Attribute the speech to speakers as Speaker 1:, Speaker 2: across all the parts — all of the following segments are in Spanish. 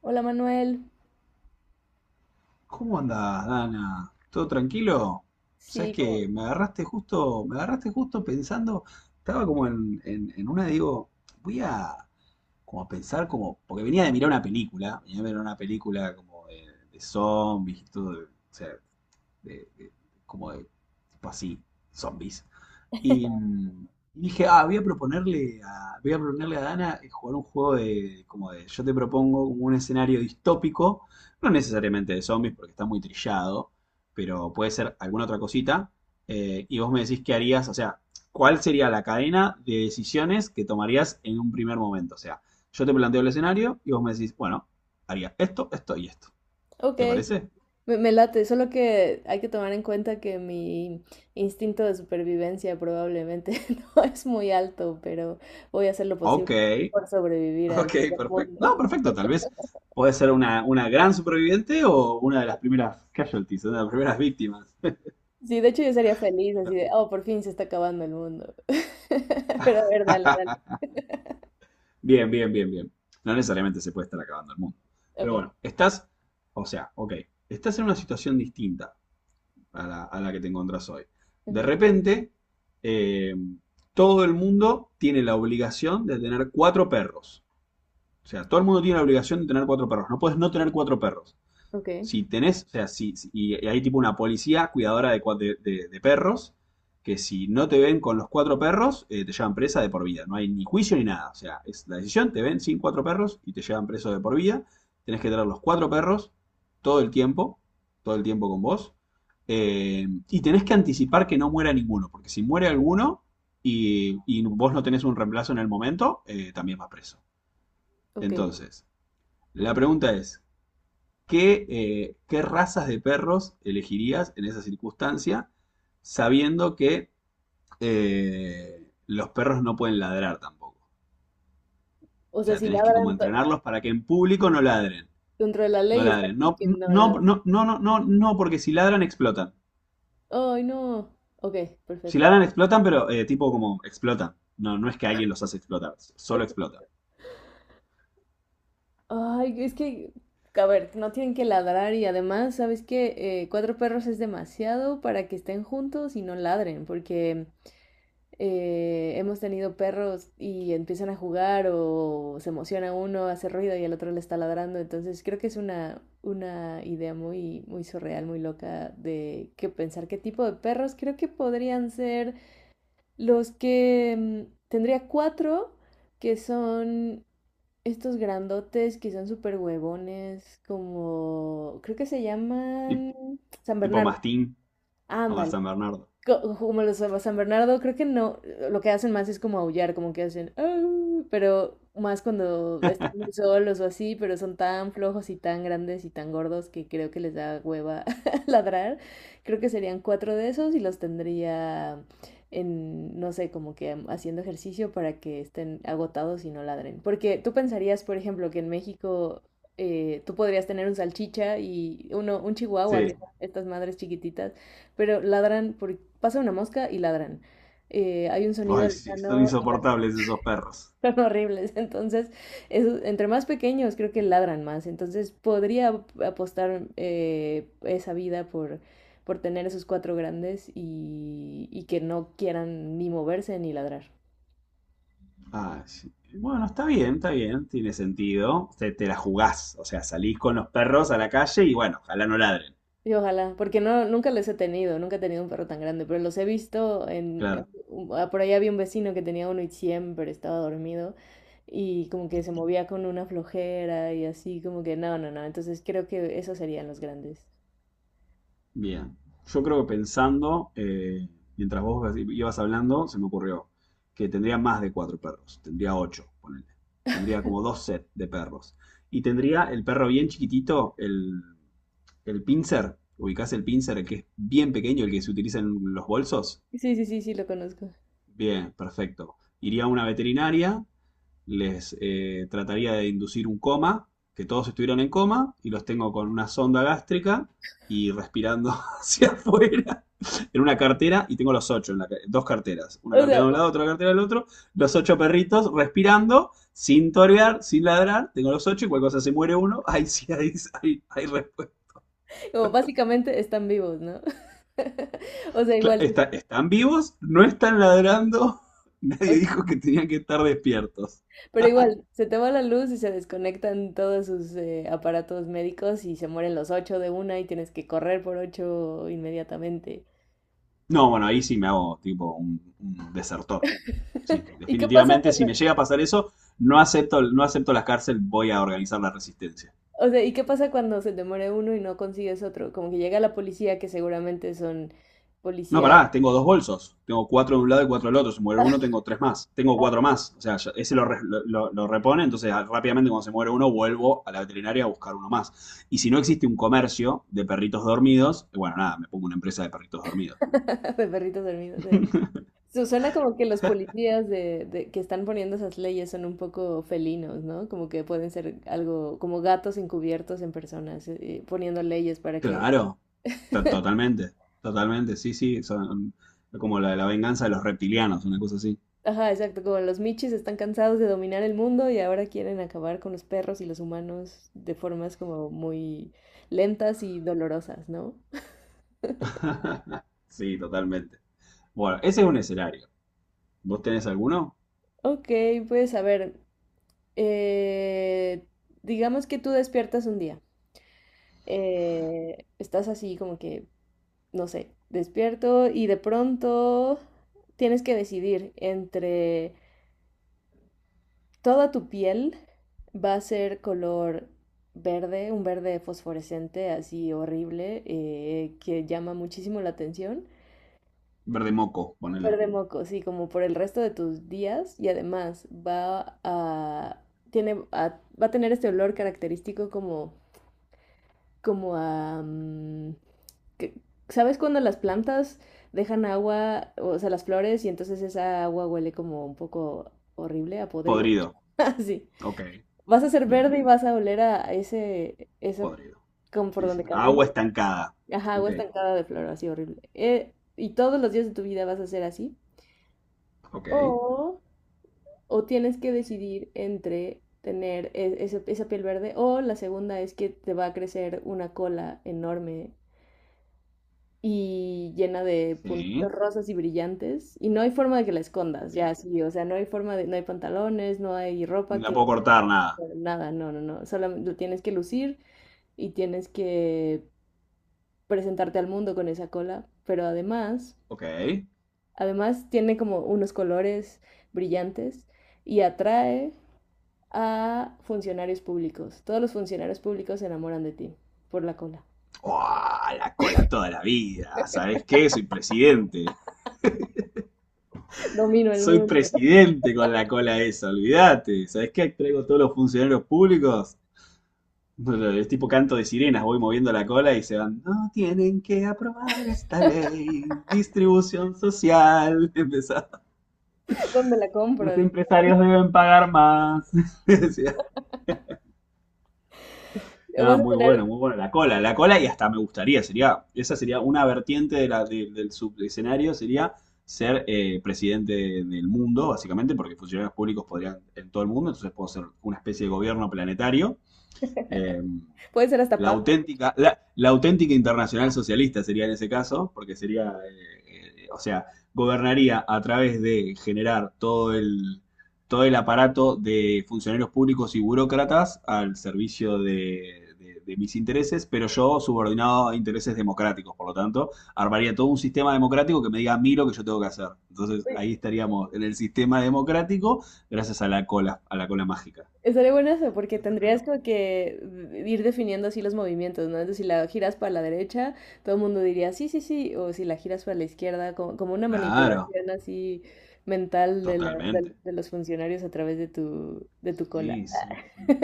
Speaker 1: Hola Manuel.
Speaker 2: ¿Cómo andás, Dana? ¿Todo tranquilo? ¿Sabes
Speaker 1: Sí, como,
Speaker 2: que me agarraste justo, me agarraste justo pensando, estaba como en, en una, digo, voy a como a pensar como, porque venía de mirar una película, venía de mirar una película como de zombies y todo, de- o sea, de- de- como de tipo así, zombies. Y, dije, ah, voy a proponerle a, voy a proponerle a Dana jugar un juego de, como de, yo te propongo como un escenario distópico, no necesariamente de zombies porque está muy trillado, pero puede ser alguna otra cosita, y vos me decís qué harías, o sea, cuál sería la cadena de decisiones que tomarías en un primer momento. O sea, yo te planteo el escenario y vos me decís, bueno, haría esto, esto y esto.
Speaker 1: ok,
Speaker 2: ¿Te parece?
Speaker 1: me late, solo que hay que tomar en cuenta que mi instinto de supervivencia probablemente no es muy alto, pero voy a hacer lo
Speaker 2: Ok.
Speaker 1: posible por sobrevivir al
Speaker 2: Ok,
Speaker 1: fin del
Speaker 2: perfecto.
Speaker 1: mundo.
Speaker 2: No, perfecto, tal vez puede ser una gran superviviente o una de las primeras casualties, una de las primeras víctimas.
Speaker 1: Sí, de hecho yo sería feliz así
Speaker 2: Pero-
Speaker 1: de, oh, por fin se está acabando el mundo. Pero a ver, dale, dale.
Speaker 2: bien, bien, bien, bien. No necesariamente se puede estar acabando el mundo.
Speaker 1: Ok,
Speaker 2: Pero bueno, estás, o sea, ok, estás en una situación distinta a la que te encontrás hoy. De
Speaker 1: ujú,
Speaker 2: repente, eh, todo el mundo tiene la obligación de tener cuatro perros. O sea, todo el mundo tiene la obligación de tener cuatro perros. No puedes no tener cuatro perros.
Speaker 1: ok,
Speaker 2: Si tenés, o sea, y hay tipo una policía cuidadora de, de perros, que si no te ven con los cuatro perros, te llevan presa de por vida. No hay ni juicio ni nada. O sea, es la decisión, te ven sin cuatro perros y te llevan preso de por vida. Tenés que tener los cuatro perros todo el tiempo, todo el tiempo con vos. Y tenés que anticipar que no muera ninguno, porque si muere alguno y vos no tenés un reemplazo en el momento, también vas preso.
Speaker 1: ok.
Speaker 2: Entonces, la pregunta es, ¿qué, ¿qué razas de perros elegirías en esa circunstancia, sabiendo que los perros no pueden ladrar tampoco?
Speaker 1: O
Speaker 2: O
Speaker 1: sea,
Speaker 2: sea,
Speaker 1: si
Speaker 2: tenés que como entrenarlos para que en público no ladren.
Speaker 1: dentro de la
Speaker 2: No
Speaker 1: ley está
Speaker 2: ladren. No,
Speaker 1: que
Speaker 2: no,
Speaker 1: no ladran.
Speaker 2: no, no, no, no, no, porque si ladran explotan.
Speaker 1: Ay, no. Ok,
Speaker 2: Si
Speaker 1: perfecto.
Speaker 2: ladran explotan, pero tipo como explotan. No, no es que alguien los hace explotar, solo explotan.
Speaker 1: Ay, es que, a ver, no tienen que ladrar y además, ¿sabes qué? Cuatro perros es demasiado para que estén juntos y no ladren, porque hemos tenido perros y empiezan a jugar o se emociona uno, hace ruido y el otro le está ladrando, entonces creo que es una idea muy, muy surreal, muy loca de que pensar qué tipo de perros creo que podrían ser los que tendría cuatro que son estos grandotes que son súper huevones, como creo que se
Speaker 2: Tip-
Speaker 1: llaman San
Speaker 2: Tipo
Speaker 1: Bernardo
Speaker 2: Mastín o San Bernardo.
Speaker 1: como los San Bernardo, creo que no, lo que hacen más es como aullar, como que hacen, "Au", pero más cuando están muy solos o así, pero son tan flojos y tan grandes y tan gordos que creo que les da hueva ladrar. Creo que serían cuatro de esos y los tendría en, no sé, como que haciendo ejercicio para que estén agotados y no ladren. Porque tú pensarías, por ejemplo, que en México... tú podrías tener un salchicha y uno, un chihuahua, que
Speaker 2: Sí.
Speaker 1: son estas madres chiquititas, pero ladran por pasa una mosca y ladran. Hay un sonido
Speaker 2: Ay, sí, son
Speaker 1: lejano y ladran.
Speaker 2: insoportables esos perros.
Speaker 1: Son horribles. Entonces, entre más pequeños creo que ladran más. Entonces, podría apostar esa vida por tener esos cuatro grandes y que no quieran ni moverse ni ladrar.
Speaker 2: Ah, sí. Bueno, está bien, tiene sentido. Te la jugás, o sea, salís con los perros a la calle y bueno, ojalá no ladren.
Speaker 1: Y ojalá, porque no, nunca los he tenido, nunca he tenido un perro tan grande, pero los he visto en...
Speaker 2: Claro,
Speaker 1: Por ahí había un vecino que tenía uno y siempre estaba dormido y como que se movía con una flojera y así, como que no, no, no, entonces creo que esos serían los grandes.
Speaker 2: bien. Yo creo que pensando, mientras vos ibas hablando, se me ocurrió que tendría más de cuatro perros, tendría ocho, ponele. Tendría como dos sets de perros. Y tendría el perro bien chiquitito, el pincer, ubicás el pincer, el que es bien pequeño, el que se utiliza en los bolsos.
Speaker 1: Sí, sí, sí, sí, lo conozco.
Speaker 2: Bien, perfecto. Iría a una veterinaria, les trataría de inducir un coma, que todos estuvieron en coma, y los tengo con una sonda gástrica y respirando hacia afuera en una cartera, y tengo los ocho, en la dos carteras, una
Speaker 1: O
Speaker 2: cartera
Speaker 1: sea,
Speaker 2: de un lado, otra cartera del otro, los ocho perritos respirando, sin torear, sin ladrar, tengo los ocho, y cualquier cosa se muere uno, ahí sí, ahí, sí, ahí, ahí respuesta.
Speaker 1: como básicamente están vivos, ¿no? O sea, igual, sí,
Speaker 2: Están vivos, no están ladrando, nadie dijo que tenían que estar despiertos.
Speaker 1: pero igual, se te va la luz y se desconectan todos sus aparatos médicos y se mueren los ocho de una y tienes que correr por ocho inmediatamente.
Speaker 2: No, bueno, ahí sí me hago tipo un desertor. Sí,
Speaker 1: ¿Y qué pasa
Speaker 2: definitivamente, si
Speaker 1: cuando,
Speaker 2: me llega a pasar eso, no acepto, no acepto la cárcel, voy a organizar la resistencia.
Speaker 1: o sea, ¿y qué pasa cuando se demore uno y no consigues otro? Como que llega la policía, que seguramente son
Speaker 2: No,
Speaker 1: policía
Speaker 2: pará, tengo dos bolsos. Tengo cuatro de un lado y cuatro del otro. Si muere uno, tengo tres más. Tengo cuatro más. O sea, ese lo, lo repone, entonces ah, rápidamente cuando se muere uno, vuelvo a la veterinaria a buscar uno más. Y si no existe un comercio de perritos dormidos, bueno, nada, me pongo una empresa de perritos dormidos.
Speaker 1: de perritos dormidos. Suena como que los policías de, que están poniendo esas leyes son un poco felinos, ¿no? Como que pueden ser algo como gatos encubiertos en personas, poniendo leyes para que...
Speaker 2: Claro, totalmente, totalmente, sí, sí, son como la venganza de los reptilianos, una cosa así.
Speaker 1: Ajá, exacto, como los michis están cansados de dominar el mundo y ahora quieren acabar con los perros y los humanos de formas como muy lentas y dolorosas, ¿no?
Speaker 2: Sí, totalmente. Bueno, ese es un escenario. ¿Vos tenés alguno?
Speaker 1: Ok, pues a ver, eh, digamos que tú despiertas un día, estás así como que, no sé, despierto y de pronto tienes que decidir entre toda tu piel va a ser color verde, un verde fosforescente así horrible que llama muchísimo la atención.
Speaker 2: Verde moco, ponele.
Speaker 1: Súper de moco, sí, como por el resto de tus días y además va a, tiene, va a tener este olor característico como, como a... que- ¿sabes cuando las plantas dejan agua, o sea, las flores y entonces esa agua huele como un poco horrible, a podrido?
Speaker 2: Podrido.
Speaker 1: Así.
Speaker 2: Ok,
Speaker 1: Vas a ser
Speaker 2: bien,
Speaker 1: verde y vas a oler a ese, eso
Speaker 2: podrido.
Speaker 1: como por
Speaker 2: Sí, sí.
Speaker 1: donde
Speaker 2: Agua
Speaker 1: camines.
Speaker 2: estancada.
Speaker 1: Ajá,
Speaker 2: Ok,
Speaker 1: agua estancada de flor, así horrible. Y todos los días de tu vida vas a ser así. O
Speaker 2: ok.
Speaker 1: o tienes que decidir entre tener esa piel verde o la segunda es que te va a crecer una cola enorme y llena de puntitos
Speaker 2: Sí,
Speaker 1: rosas y brillantes y no hay forma de que la escondas,
Speaker 2: ok.
Speaker 1: ya sí, o sea, no hay forma de, no hay pantalones, no hay
Speaker 2: No
Speaker 1: ropa
Speaker 2: la
Speaker 1: que,
Speaker 2: puedo cortar nada.
Speaker 1: nada, no, no, no, solamente lo tienes que lucir y tienes que presentarte al mundo con esa cola, pero además,
Speaker 2: Ok.
Speaker 1: además tiene como unos colores brillantes y atrae a funcionarios públicos. Todos los funcionarios públicos se enamoran de ti por la cola.
Speaker 2: ¡Uah! La cola toda la vida. ¿Sabés qué? Soy presidente.
Speaker 1: Domino el
Speaker 2: Soy
Speaker 1: mundo.
Speaker 2: presidente con la cola esa, olvídate. ¿Sabes qué? Traigo todos los funcionarios públicos. No, no, es tipo canto de sirenas, voy moviendo la cola y se van. No tienen que aprobar esta ley. Distribución social. Empezaba,
Speaker 1: ¿Dónde la
Speaker 2: los
Speaker 1: compro? Dije.
Speaker 2: empresarios deben pagar más. Sí, ah,
Speaker 1: Vas a
Speaker 2: muy
Speaker 1: tener,
Speaker 2: bueno, muy bueno. La cola y hasta me gustaría, sería, esa sería una vertiente de la, del subescenario, sería ser presidente del mundo, básicamente, porque funcionarios públicos podrían en todo el mundo, entonces puedo ser una especie de gobierno planetario. eh,
Speaker 1: puede ser hasta
Speaker 2: la
Speaker 1: papa. Dije.
Speaker 2: auténtica, la auténtica internacional socialista sería en ese caso, porque sería, o sea, gobernaría a través de generar todo el aparato de funcionarios públicos y burócratas al servicio de, de mis intereses, pero yo subordinado a intereses democráticos, por lo tanto, armaría todo un sistema democrático que me diga a mí lo que yo tengo que hacer. Entonces, ahí estaríamos en el sistema democrático gracias a la cola mágica.
Speaker 1: Estaría bueno eso, porque
Speaker 2: Eso estaría
Speaker 1: tendrías
Speaker 2: bueno.
Speaker 1: como que ir definiendo así los movimientos, ¿no? Entonces, si la giras para la derecha, todo el mundo diría sí, sí, sí, o si la giras para la izquierda, como, como una
Speaker 2: Claro.
Speaker 1: manipulación así mental de,
Speaker 2: Totalmente.
Speaker 1: de los funcionarios a través de tu cola.
Speaker 2: Sí, sí, sí.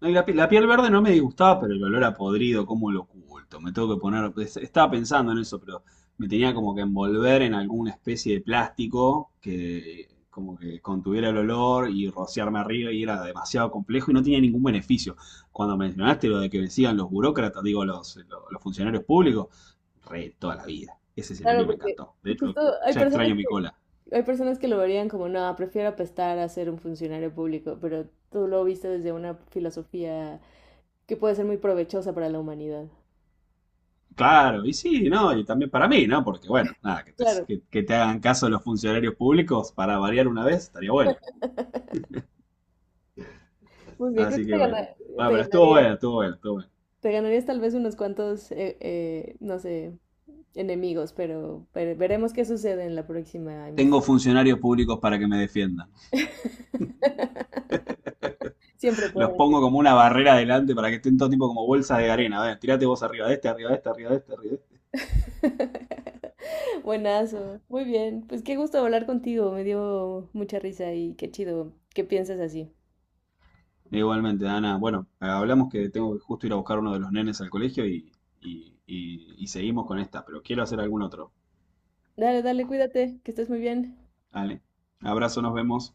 Speaker 2: No, y la, la piel verde no me disgustaba, pero el olor a podrido, cómo lo oculto. Me tengo que poner. Estaba pensando en eso, pero me tenía como que envolver en alguna especie de plástico que como que contuviera el olor y rociarme arriba y era demasiado complejo y no tenía ningún beneficio. Cuando mencionaste lo de que decían los burócratas, digo, los, los funcionarios públicos, re toda la vida. Ese
Speaker 1: Claro,
Speaker 2: escenario me
Speaker 1: porque
Speaker 2: encantó. De hecho,
Speaker 1: justo
Speaker 2: ya extraño mi cola.
Speaker 1: hay personas que lo verían como, no, prefiero apestar a ser un funcionario público, pero tú lo viste desde una filosofía que puede ser muy provechosa para la humanidad.
Speaker 2: Claro, y sí, no, y también para mí, ¿no? Porque bueno, nada,
Speaker 1: Claro,
Speaker 2: que te hagan caso los funcionarios públicos para variar una vez estaría bueno.
Speaker 1: muy bien, creo
Speaker 2: Así
Speaker 1: que
Speaker 2: que bueno. Bueno,
Speaker 1: te
Speaker 2: pero estuvo
Speaker 1: ganarías,
Speaker 2: bueno, estuvo bueno, estuvo bueno.
Speaker 1: te ganarías tal vez unos cuantos, no sé, enemigos, pero veremos qué sucede en la próxima
Speaker 2: Tengo
Speaker 1: emisión.
Speaker 2: funcionarios públicos para que me defiendan.
Speaker 1: Siempre
Speaker 2: Los
Speaker 1: pueden.
Speaker 2: pongo como una barrera adelante para que estén todo tipo como bolsas de arena. A ver, tirate vos arriba de este, arriba de este, arriba de este, arriba de este.
Speaker 1: Buenazo. Muy bien. Pues qué gusto hablar contigo. Me dio mucha risa y qué chido que pienses así.
Speaker 2: Igualmente, Ana, bueno, hablamos que tengo que justo ir a buscar uno de los nenes al colegio y seguimos con esta, pero quiero hacer algún otro.
Speaker 1: Dale, dale, cuídate, que estés muy bien.
Speaker 2: Dale. Abrazo, nos vemos.